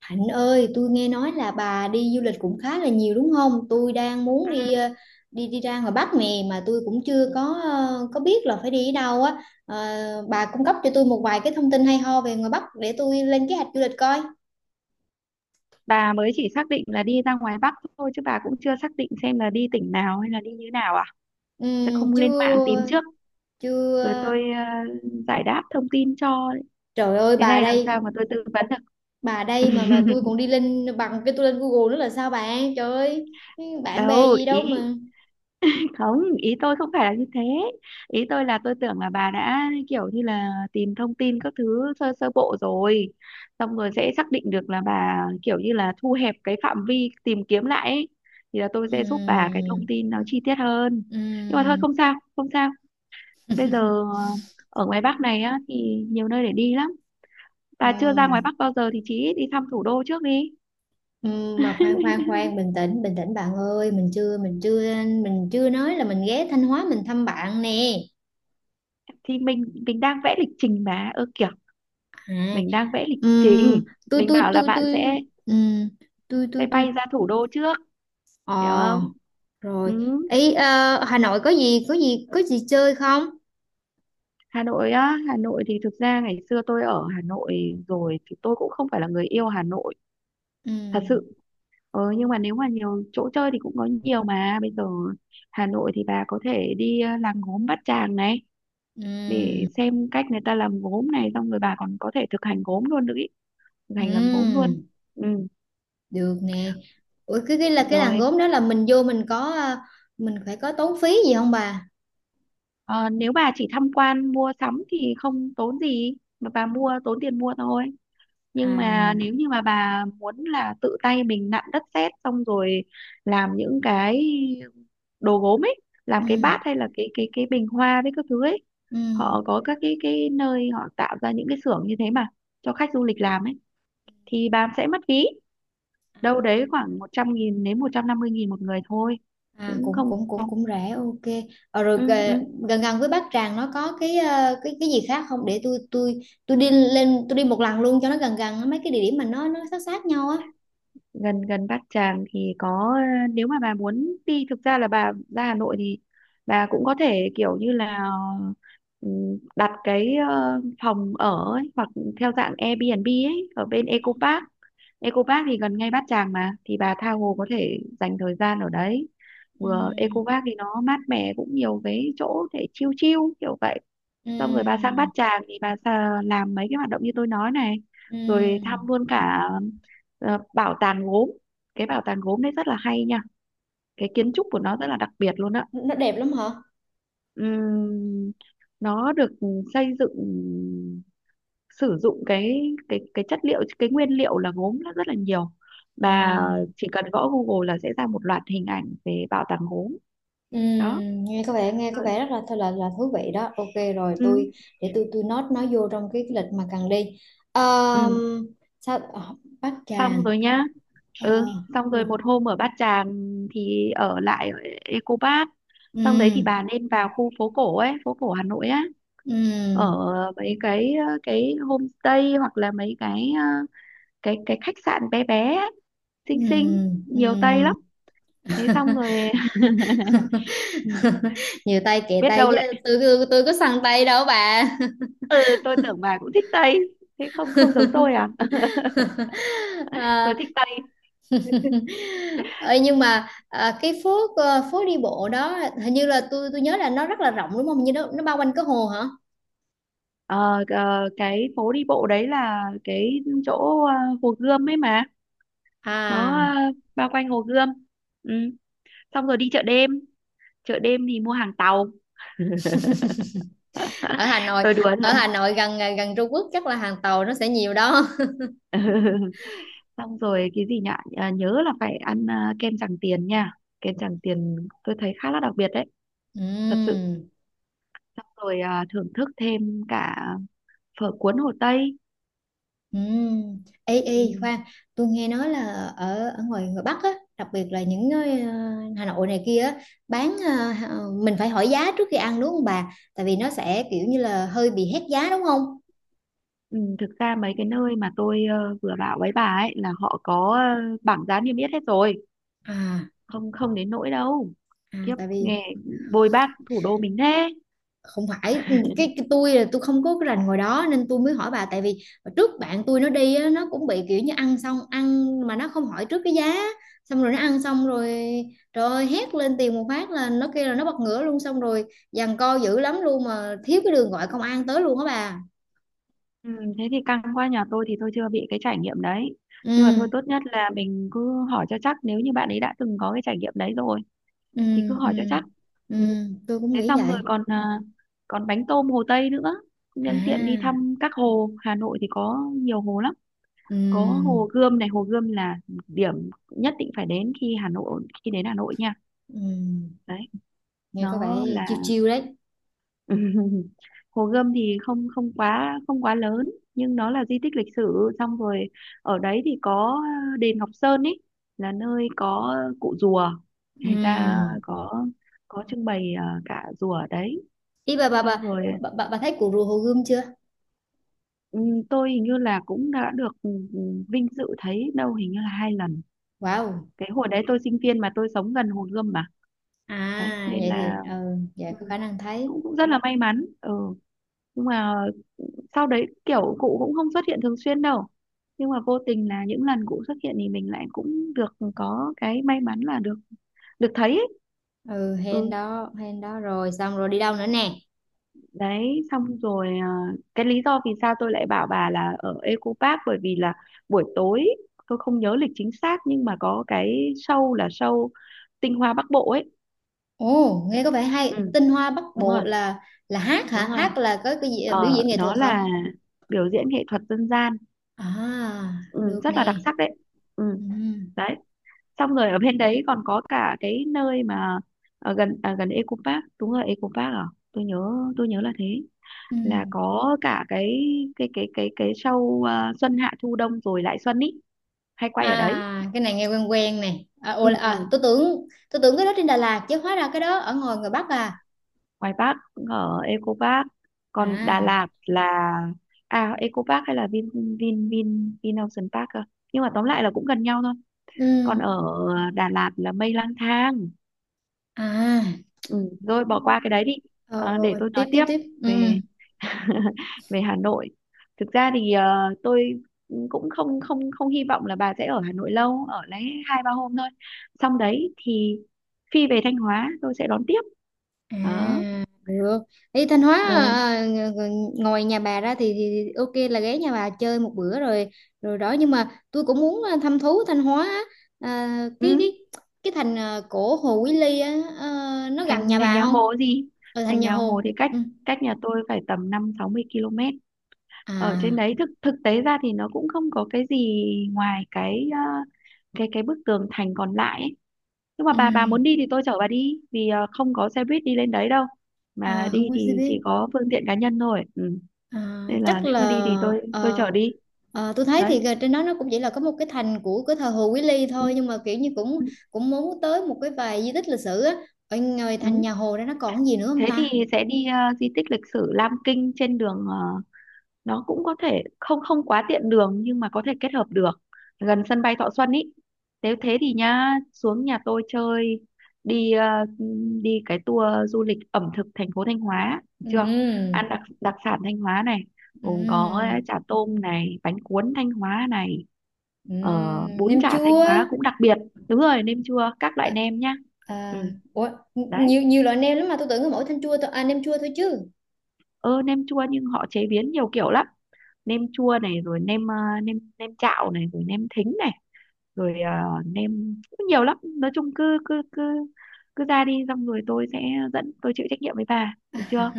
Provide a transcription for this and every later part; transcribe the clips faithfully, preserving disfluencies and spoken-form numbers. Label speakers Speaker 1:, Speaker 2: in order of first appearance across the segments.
Speaker 1: Hạnh ơi, tôi nghe nói là bà đi du lịch cũng khá là nhiều đúng không? Tôi đang muốn đi
Speaker 2: Ừ,
Speaker 1: ờ, đi đi ra ngoài Bắc nè mà tôi cũng chưa có ờ, có biết là phải đi ở đâu á. Ờ, bà cung cấp cho tôi một vài cái thông tin hay ho về ngoài Bắc để tôi lên kế hoạch du lịch coi.
Speaker 2: bà mới chỉ xác định là đi ra ngoài Bắc thôi chứ bà cũng chưa xác định xem là đi tỉnh nào hay là đi như nào à sẽ
Speaker 1: Ừm,
Speaker 2: không lên mạng tìm
Speaker 1: chưa,
Speaker 2: trước rồi
Speaker 1: chưa.
Speaker 2: tôi ờ, giải đáp thông tin cho
Speaker 1: Trời ơi,
Speaker 2: thế
Speaker 1: bà
Speaker 2: này làm
Speaker 1: đây,
Speaker 2: sao mà tôi tư vấn
Speaker 1: bà
Speaker 2: được.
Speaker 1: đây mà mà tôi còn đi lên bằng cái tôi lên Google nữa là sao bạn? Trời ơi, bạn bè
Speaker 2: Đâu
Speaker 1: gì đâu
Speaker 2: ý,
Speaker 1: mà.
Speaker 2: không ý tôi không phải là như thế, ý tôi là tôi tưởng là bà đã kiểu như là tìm thông tin các thứ sơ sơ bộ rồi xong rồi sẽ xác định được là bà kiểu như là thu hẹp cái phạm vi tìm kiếm lại ấy. Thì là tôi sẽ giúp bà cái thông
Speaker 1: Ừm.
Speaker 2: tin nó chi tiết hơn, nhưng mà
Speaker 1: Ừm.
Speaker 2: thôi không sao không sao. Bây giờ ờ, ở ngoài Bắc này á thì nhiều nơi để đi lắm, bà chưa ra ngoài
Speaker 1: Ừm.
Speaker 2: Bắc bao giờ thì chí ít đi thăm thủ đô trước đi.
Speaker 1: Ừ, mà khoan khoan khoan, bình tĩnh bình tĩnh, bạn ơi, mình chưa, mình chưa mình chưa nói là mình ghé Thanh Hóa mình thăm bạn nè.
Speaker 2: Thì mình mình đang vẽ lịch trình mà, ơ kiểu
Speaker 1: à,
Speaker 2: mình đang vẽ lịch
Speaker 1: ừm,
Speaker 2: trình,
Speaker 1: tôi
Speaker 2: mình
Speaker 1: tôi
Speaker 2: bảo là
Speaker 1: tôi
Speaker 2: bạn
Speaker 1: tôi
Speaker 2: sẽ
Speaker 1: ừm, tôi
Speaker 2: sẽ
Speaker 1: tôi tôi
Speaker 2: bay ra thủ đô trước,
Speaker 1: ờ
Speaker 2: hiểu không.
Speaker 1: Rồi.
Speaker 2: Ừ.
Speaker 1: ý ờ, Hà Nội có gì có gì có gì chơi không?
Speaker 2: Hà Nội á, Hà Nội thì thực ra ngày xưa tôi ở Hà Nội rồi thì tôi cũng không phải là người yêu Hà Nội thật
Speaker 1: Ừm.
Speaker 2: sự. Ừ, nhưng mà nếu mà nhiều chỗ chơi thì cũng có nhiều mà, bây giờ Hà Nội thì bà có thể đi ờ, làng gốm Bát Tràng này, để
Speaker 1: Ừm.
Speaker 2: xem cách người ta làm gốm này, xong rồi bà còn có thể thực hành gốm luôn nữa ý. Thực hành làm gốm luôn.
Speaker 1: Ừm.
Speaker 2: Ừ.
Speaker 1: Được nè. Ủa, cái cái là cái
Speaker 2: Rồi
Speaker 1: làng gốm đó, là mình vô, mình có ờ, mình phải có tốn phí gì không bà?
Speaker 2: ờ, nếu bà chỉ tham quan mua sắm thì không tốn gì, mà bà mua tốn tiền mua thôi, nhưng mà
Speaker 1: à
Speaker 2: nếu như mà bà muốn là tự tay mình nặn đất sét xong rồi làm những cái đồ gốm ấy, làm cái bát
Speaker 1: ừm.
Speaker 2: hay là cái cái cái bình hoa với các thứ ấy,
Speaker 1: Ừm.
Speaker 2: họ có các cái cái nơi họ tạo ra những cái xưởng như thế mà cho khách du lịch làm ấy, thì bà sẽ mất phí
Speaker 1: À.
Speaker 2: đâu đấy khoảng một trăm nghìn đến một trăm năm mươi nghìn một người thôi,
Speaker 1: À,
Speaker 2: cũng
Speaker 1: cũng
Speaker 2: không.
Speaker 1: cũng cũng cũng rẻ, ok. Ờ, rồi
Speaker 2: Ừ,
Speaker 1: gờ-
Speaker 2: ừ.
Speaker 1: gần gần với Bát Tràng nó có cái ờ, cái cái gì khác không để tôi tôi tôi đi lên, tôi đi một lần luôn cho nó gần gần mấy cái địa điểm mà nó nó sát sát nhau á?
Speaker 2: Gần gần Bát Tràng thì có, ờ, nếu mà bà muốn đi, thực ra là bà ra Hà Nội thì bà cũng có thể kiểu như là, ừ, đặt cái ờ, phòng ở ấy, hoặc theo dạng Airbnb ấy, ở bên Eco Park. Eco Park thì gần ngay Bát Tràng mà, thì bà tha hồ có thể dành thời gian ở đấy, vừa
Speaker 1: Ừm.
Speaker 2: Eco Park thì nó mát mẻ, cũng nhiều cái chỗ để chill chill kiểu vậy. Xong rồi bà sang Bát
Speaker 1: Ừm.
Speaker 2: Tràng thì bà sa- làm mấy cái hoạt động như tôi nói này, rồi thăm
Speaker 1: Ừm.
Speaker 2: luôn cả ờ, bảo tàng gốm. Cái bảo tàng gốm đấy rất là hay nha, cái kiến trúc của nó rất là đặc biệt luôn á.
Speaker 1: Nó đẹp lắm hả?
Speaker 2: Ừm, nó được xây dựng sử dụng cái cái cái chất liệu, cái nguyên liệu là gốm nó rất là nhiều, bà
Speaker 1: À.
Speaker 2: chỉ cần gõ Google là sẽ ra một loạt hình ảnh về bảo tàng gốm. Đó
Speaker 1: ừm, nghe có vẻ nghe có
Speaker 2: rồi.
Speaker 1: vẻ rất là là là thú vị đó. Ok rồi,
Speaker 2: Ừ,
Speaker 1: tôi để tôi tôi note nó vô trong cái lịch mà cần đi.
Speaker 2: ừ.
Speaker 1: Ờm, Sao ờ, Bát
Speaker 2: Xong
Speaker 1: Tràng.
Speaker 2: rồi nhá.
Speaker 1: Ờ,
Speaker 2: Ừ, xong rồi
Speaker 1: rồi.
Speaker 2: một hôm ở Bát Tràng thì ở lại ở Eco Park, xong đấy thì
Speaker 1: Ừm.
Speaker 2: bà nên vào khu phố cổ ấy, phố cổ Hà Nội á,
Speaker 1: Ừm.
Speaker 2: ở mấy cái ờ, cái homestay, hoặc là mấy cái ờ, cái cái khách sạn bé bé á, xinh xinh,
Speaker 1: Ừm.
Speaker 2: nhiều Tây
Speaker 1: Ừm.
Speaker 2: lắm, thế xong rồi. Ừ,
Speaker 1: Nhiều tay kệ
Speaker 2: biết
Speaker 1: tay
Speaker 2: đâu lại,
Speaker 1: chứ, tôi tôi tôi có săn tay đâu bà.
Speaker 2: ừ, tôi tưởng bà cũng thích Tây, thế không không giống tôi à. Tôi
Speaker 1: à,
Speaker 2: thích Tây.
Speaker 1: ờ, nhưng mà à, cái phố ờ, phố đi bộ đó hình như là tôi tôi nhớ là nó rất là rộng đúng không, như nó nó bao quanh cái hồ hả?
Speaker 2: Ờ, ờ, cái phố đi bộ đấy là cái chỗ ờ, Hồ Gươm ấy mà, nó
Speaker 1: à
Speaker 2: ờ, bao quanh Hồ Gươm. Ừ. Xong rồi đi chợ đêm, chợ đêm thì mua hàng tàu.
Speaker 1: ở Hà Nội
Speaker 2: Tôi đùa
Speaker 1: Ở Hà
Speaker 2: thôi.
Speaker 1: Nội gần gần Trung Quốc chắc là hàng tàu nó sẽ nhiều đó.
Speaker 2: Xong rồi cái gì nhỉ, à, nhớ là phải ăn à, kem Tràng Tiền nha. Kem Tràng Tiền tôi thấy khá là đặc biệt đấy, thật sự.
Speaker 1: Ừm.
Speaker 2: Xong rồi à, thưởng thức thêm cả phở cuốn Hồ Tây.
Speaker 1: Ừ. Ê,
Speaker 2: Ừ,
Speaker 1: ê, khoan, tôi nghe nói là ở ở ngoài ngoài Bắc á, đặc biệt là những nơi ờ, Hà Nội này kia á, bán ờ, ờ, mình phải hỏi giá trước khi ăn đúng không bà? Tại vì nó sẽ kiểu như là hơi bị hét giá đúng không?
Speaker 2: ừ, thực ra mấy cái nơi mà tôi ờ, vừa bảo với bà ấy là họ có ờ, bảng giá niêm yết hết rồi,
Speaker 1: À,
Speaker 2: không không đến nỗi đâu,
Speaker 1: à,
Speaker 2: kiếp
Speaker 1: tại vì
Speaker 2: nghe bôi bác thủ đô mình thế.
Speaker 1: không phải, ừ, cái, cái tôi là tôi không có cái rành ngồi đó nên tôi mới hỏi bà. Tại vì trước bạn tôi nó đi á, nó cũng bị kiểu như ăn xong, ăn mà nó không hỏi trước cái giá, xong rồi nó ăn xong rồi trời ơi hét lên tiền một phát là nó kêu là nó bật ngửa luôn, xong rồi giằng co dữ lắm luôn, mà thiếu cái đường gọi công an tới luôn á bà.
Speaker 2: Ừ, thế thì căng quá, nhà tôi thì tôi chưa bị cái trải nghiệm đấy, nhưng mà thôi
Speaker 1: Ừ,
Speaker 2: tốt nhất là mình cứ hỏi cho chắc, nếu như bạn ấy đã từng có cái trải nghiệm đấy rồi
Speaker 1: ừ,
Speaker 2: thì cứ
Speaker 1: ừ,
Speaker 2: hỏi cho chắc.
Speaker 1: ừ,
Speaker 2: Ừ.
Speaker 1: tôi cũng
Speaker 2: Thế
Speaker 1: nghĩ
Speaker 2: xong rồi
Speaker 1: vậy.
Speaker 2: còn à, còn bánh tôm Hồ Tây nữa, nhân tiện đi
Speaker 1: À,
Speaker 2: thăm các hồ Hà Nội thì có nhiều hồ lắm, có
Speaker 1: ừ,
Speaker 2: hồ Gươm này, hồ Gươm là điểm nhất định phải đến khi Hà Nội, khi đến Hà Nội nha,
Speaker 1: ừ.
Speaker 2: đấy
Speaker 1: Nghe có vẻ
Speaker 2: nó
Speaker 1: chiêu
Speaker 2: là.
Speaker 1: chiêu đấy.
Speaker 2: Hồ Gươm thì không không quá không quá lớn, nhưng nó là di tích lịch sử, xong rồi ở đấy thì có đền Ngọc Sơn ấy, là nơi có cụ rùa, người ta
Speaker 1: Ừ.
Speaker 2: có có trưng bày à, cả rùa ở đấy,
Speaker 1: ý bà bà bà
Speaker 2: xong rồi.
Speaker 1: bà, bà bà thấy cuộc rùa Hồ Gươm chưa?
Speaker 2: Ừm, tôi hình như là cũng đã được ừm, vinh dự thấy đâu hình như là hai lần.
Speaker 1: Wow.
Speaker 2: Cái hồi đấy tôi sinh viên mà, tôi sống gần Hồ Gươm mà,
Speaker 1: À,
Speaker 2: đấy nên
Speaker 1: vậy
Speaker 2: là,
Speaker 1: thì ừ vậy
Speaker 2: ừm,
Speaker 1: có khả năng thấy.
Speaker 2: cũng cũng rất là may mắn. Ừ, nhưng mà sau đấy kiểu cụ cũng không xuất hiện thường xuyên đâu, nhưng mà vô tình là những lần cụ xuất hiện thì mình lại cũng được có cái may mắn là được được thấy ấy.
Speaker 1: Ừ, hên
Speaker 2: Ừ,
Speaker 1: đó, hên đó. Rồi xong rồi đi đâu nữa nè?
Speaker 2: đấy xong rồi à, cái lý do vì sao tôi lại bảo bà là ở Eco Park bởi vì là buổi tối, tôi không nhớ lịch chính xác nhưng mà có cái show là show tinh hoa Bắc Bộ ấy.
Speaker 1: Ồ, nghe có vẻ hay.
Speaker 2: Ừ,
Speaker 1: Tinh hoa Bắc
Speaker 2: đúng rồi.
Speaker 1: Bộ là là hát hả?
Speaker 2: Đúng rồi,
Speaker 1: Hát là có cái gì, biểu
Speaker 2: ờ
Speaker 1: diễn nghệ thuật
Speaker 2: nó
Speaker 1: hả?
Speaker 2: là biểu diễn nghệ thuật dân gian.
Speaker 1: À,
Speaker 2: Ừ,
Speaker 1: được
Speaker 2: rất là đặc
Speaker 1: nè.
Speaker 2: sắc đấy. Ừ,
Speaker 1: Ừ,
Speaker 2: đấy xong rồi ở bên đấy còn có cả cái nơi mà ở gần à, gần Eco Park, đúng rồi Eco Park, à tôi nhớ, tôi nhớ là thế,
Speaker 1: ừ.
Speaker 2: là có cả cái cái cái cái cái show à, xuân hạ thu đông rồi lại xuân ý, hay quay ở đấy.
Speaker 1: À, cái này nghe quen quen nè. À, ồ,
Speaker 2: Ừ,
Speaker 1: à,
Speaker 2: ừ.
Speaker 1: tôi tưởng tôi tưởng cái đó trên Đà Lạt chứ, hóa ra cái đó ở ngoài ngoài Bắc à?
Speaker 2: Ngoài Park cũng ở Eco Park, còn Đà
Speaker 1: À,
Speaker 2: Lạt là, à Eco Park hay là Vin Vin Vin Vin Ocean Park à? Nhưng mà tóm lại là cũng gần nhau thôi.
Speaker 1: ừ.
Speaker 2: Còn ở Đà Lạt là Mây Lang Thang.
Speaker 1: À.
Speaker 2: Ừ, rồi bỏ qua cái đấy đi.
Speaker 1: Ờ,
Speaker 2: À,
Speaker 1: ờ,
Speaker 2: để
Speaker 1: ờ,
Speaker 2: tôi
Speaker 1: tiếp
Speaker 2: nói
Speaker 1: tiếp
Speaker 2: tiếp
Speaker 1: tiếp. Ừ.
Speaker 2: về về Hà Nội. Thực ra thì ờ, tôi cũng không không không hy vọng là bà sẽ ở Hà Nội lâu, ở lấy hai ba hôm thôi, xong đấy thì phi về Thanh Hóa tôi sẽ đón tiếp. Đó
Speaker 1: À, được. Đi Thanh Hóa
Speaker 2: rồi.
Speaker 1: à, ng- ng- ngoài nhà bà ra thì, thì thì ok là ghé nhà bà chơi một bữa rồi, rồi đó. Nhưng mà tôi cũng muốn à, thăm thú Thanh Hóa á. À,
Speaker 2: Ừ.
Speaker 1: cái cái cái thành à, cổ Hồ Quý Ly á, à, nó
Speaker 2: thành
Speaker 1: gần nhà
Speaker 2: thành
Speaker 1: bà
Speaker 2: nhà
Speaker 1: không?
Speaker 2: Hồ gì.
Speaker 1: Ở Thành
Speaker 2: Thành
Speaker 1: Nhà
Speaker 2: nhà Hồ
Speaker 1: Hồ.
Speaker 2: thì cách,
Speaker 1: Ừ.
Speaker 2: cách nhà tôi phải tầm năm sáu mươi km, ở trên
Speaker 1: À,
Speaker 2: đấy thực thực tế ra thì nó cũng không có cái gì, ngoài cái ờ, cái cái bức tường thành còn lại ấy. Nhưng mà
Speaker 1: ừ.
Speaker 2: bà bà muốn đi thì tôi chở bà đi, vì ờ, không có xe buýt đi lên đấy đâu, mà
Speaker 1: À, không
Speaker 2: đi
Speaker 1: có xe
Speaker 2: thì
Speaker 1: buýt.
Speaker 2: chỉ có phương tiện cá nhân thôi. Ừ.
Speaker 1: À,
Speaker 2: Nên là
Speaker 1: chắc
Speaker 2: nếu
Speaker 1: là
Speaker 2: mà đi thì tôi tôi
Speaker 1: ờ,
Speaker 2: chở đi,
Speaker 1: ờ, tôi thấy
Speaker 2: đấy.
Speaker 1: thì trên đó nó cũng chỉ là có một cái thành của cái thờ Hồ Quý Ly
Speaker 2: Ừ.
Speaker 1: thôi, nhưng mà kiểu như cũng
Speaker 2: Ừ.
Speaker 1: cũng muốn tới một cái vài di tích lịch sử á. Ở ngoài Thành Nhà
Speaker 2: Ừ.
Speaker 1: Hồ ra nó còn gì nữa không
Speaker 2: Thế thì
Speaker 1: ta?
Speaker 2: sẽ đi ờ, di tích lịch sử Lam Kinh, trên đường ờ, nó cũng có thể không không quá tiện đường nhưng mà có thể kết hợp được, gần sân bay Thọ Xuân ý. Nếu thế thì nhá, xuống nhà tôi chơi, đi ờ, đi cái tour du lịch ẩm thực thành phố Thanh Hóa được chưa,
Speaker 1: Ừm.
Speaker 2: ăn đặc đặc sản Thanh Hóa này, gồm có
Speaker 1: Ừm.
Speaker 2: chả tôm này, bánh cuốn Thanh Hóa này, ờ,
Speaker 1: Ừm,
Speaker 2: bún
Speaker 1: nem
Speaker 2: chả Thanh
Speaker 1: chua.
Speaker 2: Hóa cũng đặc biệt, đúng rồi, nêm chua các loại
Speaker 1: À,
Speaker 2: nêm nhá.
Speaker 1: à,
Speaker 2: Ừ,
Speaker 1: ủa,
Speaker 2: đấy.
Speaker 1: nhiều nhiều loại nem lắm mà tôi tưởng có mỗi thanh chua thôi à, nem chua thôi chứ?
Speaker 2: Ơ nem chua nhưng họ chế biến nhiều kiểu lắm, nem chua này, rồi nem ờ, nem nem chạo này, rồi nem thính này, rồi ờ, nem cũng nhiều lắm, nói chung cứ cứ cứ cứ ra đi, xong rồi tôi sẽ dẫn, tôi chịu trách nhiệm với bà được chưa.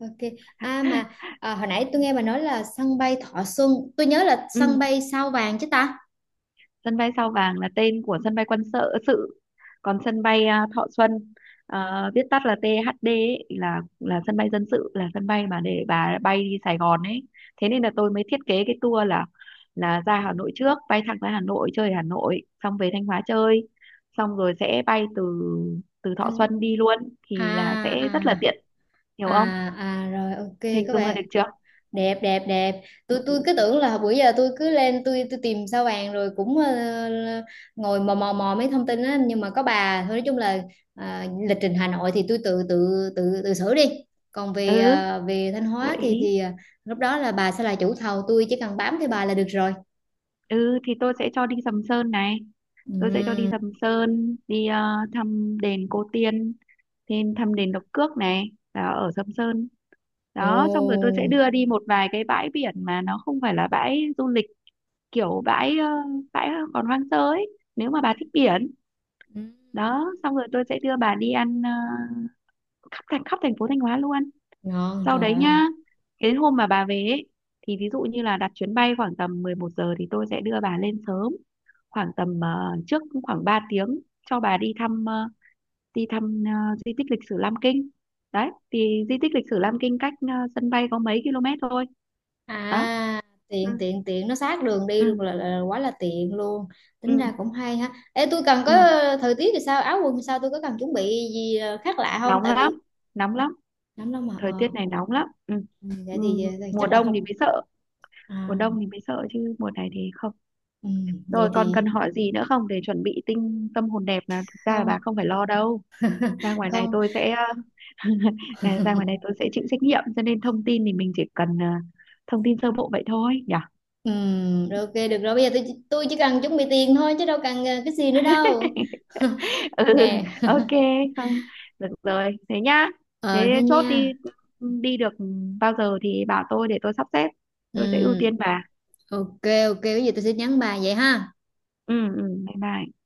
Speaker 1: Ok. À mà, à, hồi nãy tôi nghe bà nói là sân bay Thọ Xuân, tôi nhớ là sân
Speaker 2: Ừ.
Speaker 1: bay Sao Vàng chứ ta?
Speaker 2: Sân bay Sao Vàng là tên của sân bay quân sự sự, còn sân bay à, Thọ Xuân, à, viết tắt là tê hát đê ấy, là là sân bay dân sự, là sân bay mà để bà bay đi Sài Gòn ấy. Thế nên là tôi mới thiết kế cái tour là là ra Hà Nội trước, bay thẳng ra Hà Nội chơi Hà Nội, xong về Thanh Hóa chơi, xong rồi sẽ bay từ, từ Thọ Xuân đi luôn
Speaker 1: À,
Speaker 2: thì là
Speaker 1: à,
Speaker 2: sẽ rất là tiện, hiểu
Speaker 1: à,
Speaker 2: không,
Speaker 1: à, rồi, ok.
Speaker 2: hình
Speaker 1: Các
Speaker 2: dung ra
Speaker 1: bạn
Speaker 2: được chưa.
Speaker 1: đẹp đẹp đẹp. Tôi tôi cứ tưởng là bữa giờ tôi cứ lên tôi tôi tìm Sao Vàng rồi cũng ờ, ngồi mò mò mò mấy thông tin á, nhưng mà có bà thôi nói chung là ờ, lịch trình Hà Nội thì tôi tự tự tự tự xử đi, còn về
Speaker 2: Ừ,
Speaker 1: ờ, về Thanh
Speaker 2: gợi
Speaker 1: Hóa thì
Speaker 2: ý.
Speaker 1: thì ờ, lúc đó là bà sẽ là chủ thầu, tôi chỉ cần bám theo bà là được rồi.
Speaker 2: Ừ thì tôi sẽ cho đi Sầm Sơn này, tôi sẽ cho đi
Speaker 1: Ừm.
Speaker 2: Sầm Sơn, đi ờ, thăm đền Cô Tiên, thêm thăm đền Độc Cước này, là ở Sầm Sơn. Đó, xong rồi
Speaker 1: Ồ.
Speaker 2: tôi sẽ đưa đi một vài cái bãi biển mà nó không phải là bãi du lịch, kiểu bãi ờ, bãi còn hoang sơ ấy, nếu mà bà thích biển.
Speaker 1: Ừm.
Speaker 2: Đó, xong rồi tôi sẽ đưa bà đi ăn ờ, khắp thành khắp thành phố Thanh Hóa luôn.
Speaker 1: Ngon
Speaker 2: Sau
Speaker 1: trời
Speaker 2: đấy
Speaker 1: ơi.
Speaker 2: nhá, cái hôm mà bà về ấy, thì ví dụ như là đặt chuyến bay khoảng tầm mười một giờ thì tôi sẽ đưa bà lên sớm khoảng tầm ờ, trước khoảng ba tiếng, cho bà đi thăm ờ, đi thăm ờ, di tích lịch sử Lam Kinh, đấy thì di tích lịch sử Lam Kinh cách ờ, sân bay có mấy km thôi, đó.
Speaker 1: À,
Speaker 2: Ừ,
Speaker 1: tiện tiện tiện, nó sát đường đi luôn, là,
Speaker 2: ừ,
Speaker 1: là quá là tiện luôn.
Speaker 2: ừ,
Speaker 1: Tính ra cũng hay ha. Ê, tôi cần có,
Speaker 2: ừ.
Speaker 1: thời tiết thì sao, áo quần thì sao, tôi có cần chuẩn bị gì ờ, khác lạ không,
Speaker 2: Nóng
Speaker 1: tại vì
Speaker 2: lắm, nóng lắm,
Speaker 1: nắng lắm mà
Speaker 2: thời
Speaker 1: ờ
Speaker 2: tiết này nóng lắm. Ừ.
Speaker 1: ừ, vậy
Speaker 2: Ừ.
Speaker 1: thì, ờ, thì
Speaker 2: Mùa
Speaker 1: chắc là
Speaker 2: đông thì
Speaker 1: không.
Speaker 2: mới sợ, mùa
Speaker 1: À,
Speaker 2: đông thì mới sợ chứ mùa này thì không.
Speaker 1: ừ,
Speaker 2: Rồi
Speaker 1: vậy
Speaker 2: còn cần
Speaker 1: thì
Speaker 2: hỏi gì nữa không, để chuẩn bị tinh tâm hồn đẹp, là thực ra là bà
Speaker 1: không,
Speaker 2: không phải lo đâu, ra ngoài này
Speaker 1: không,
Speaker 2: tôi sẽ. Ờ, à, ra ngoài này tôi sẽ chịu trách nhiệm, cho nên thông tin thì mình chỉ cần ờ, thông tin sơ bộ vậy thôi nhỉ.
Speaker 1: ừ. Rồi, ok, được rồi, bây giờ tôi chỉ- tôi chỉ cần chuẩn bị tiền thôi chứ đâu cần ờ, cái gì nữa đâu
Speaker 2: Ừ,
Speaker 1: nè.
Speaker 2: ok, không, được rồi thế nhá.
Speaker 1: ờ
Speaker 2: Thế
Speaker 1: Thế
Speaker 2: chốt đi,
Speaker 1: nha.
Speaker 2: đi được bao giờ thì bảo tôi để tôi sắp xếp, tôi sẽ ưu
Speaker 1: Ừ,
Speaker 2: tiên bà.
Speaker 1: ok. Ok, bây giờ tôi sẽ nhắn bà vậy ha.
Speaker 2: Ừ, ừ, bye bye.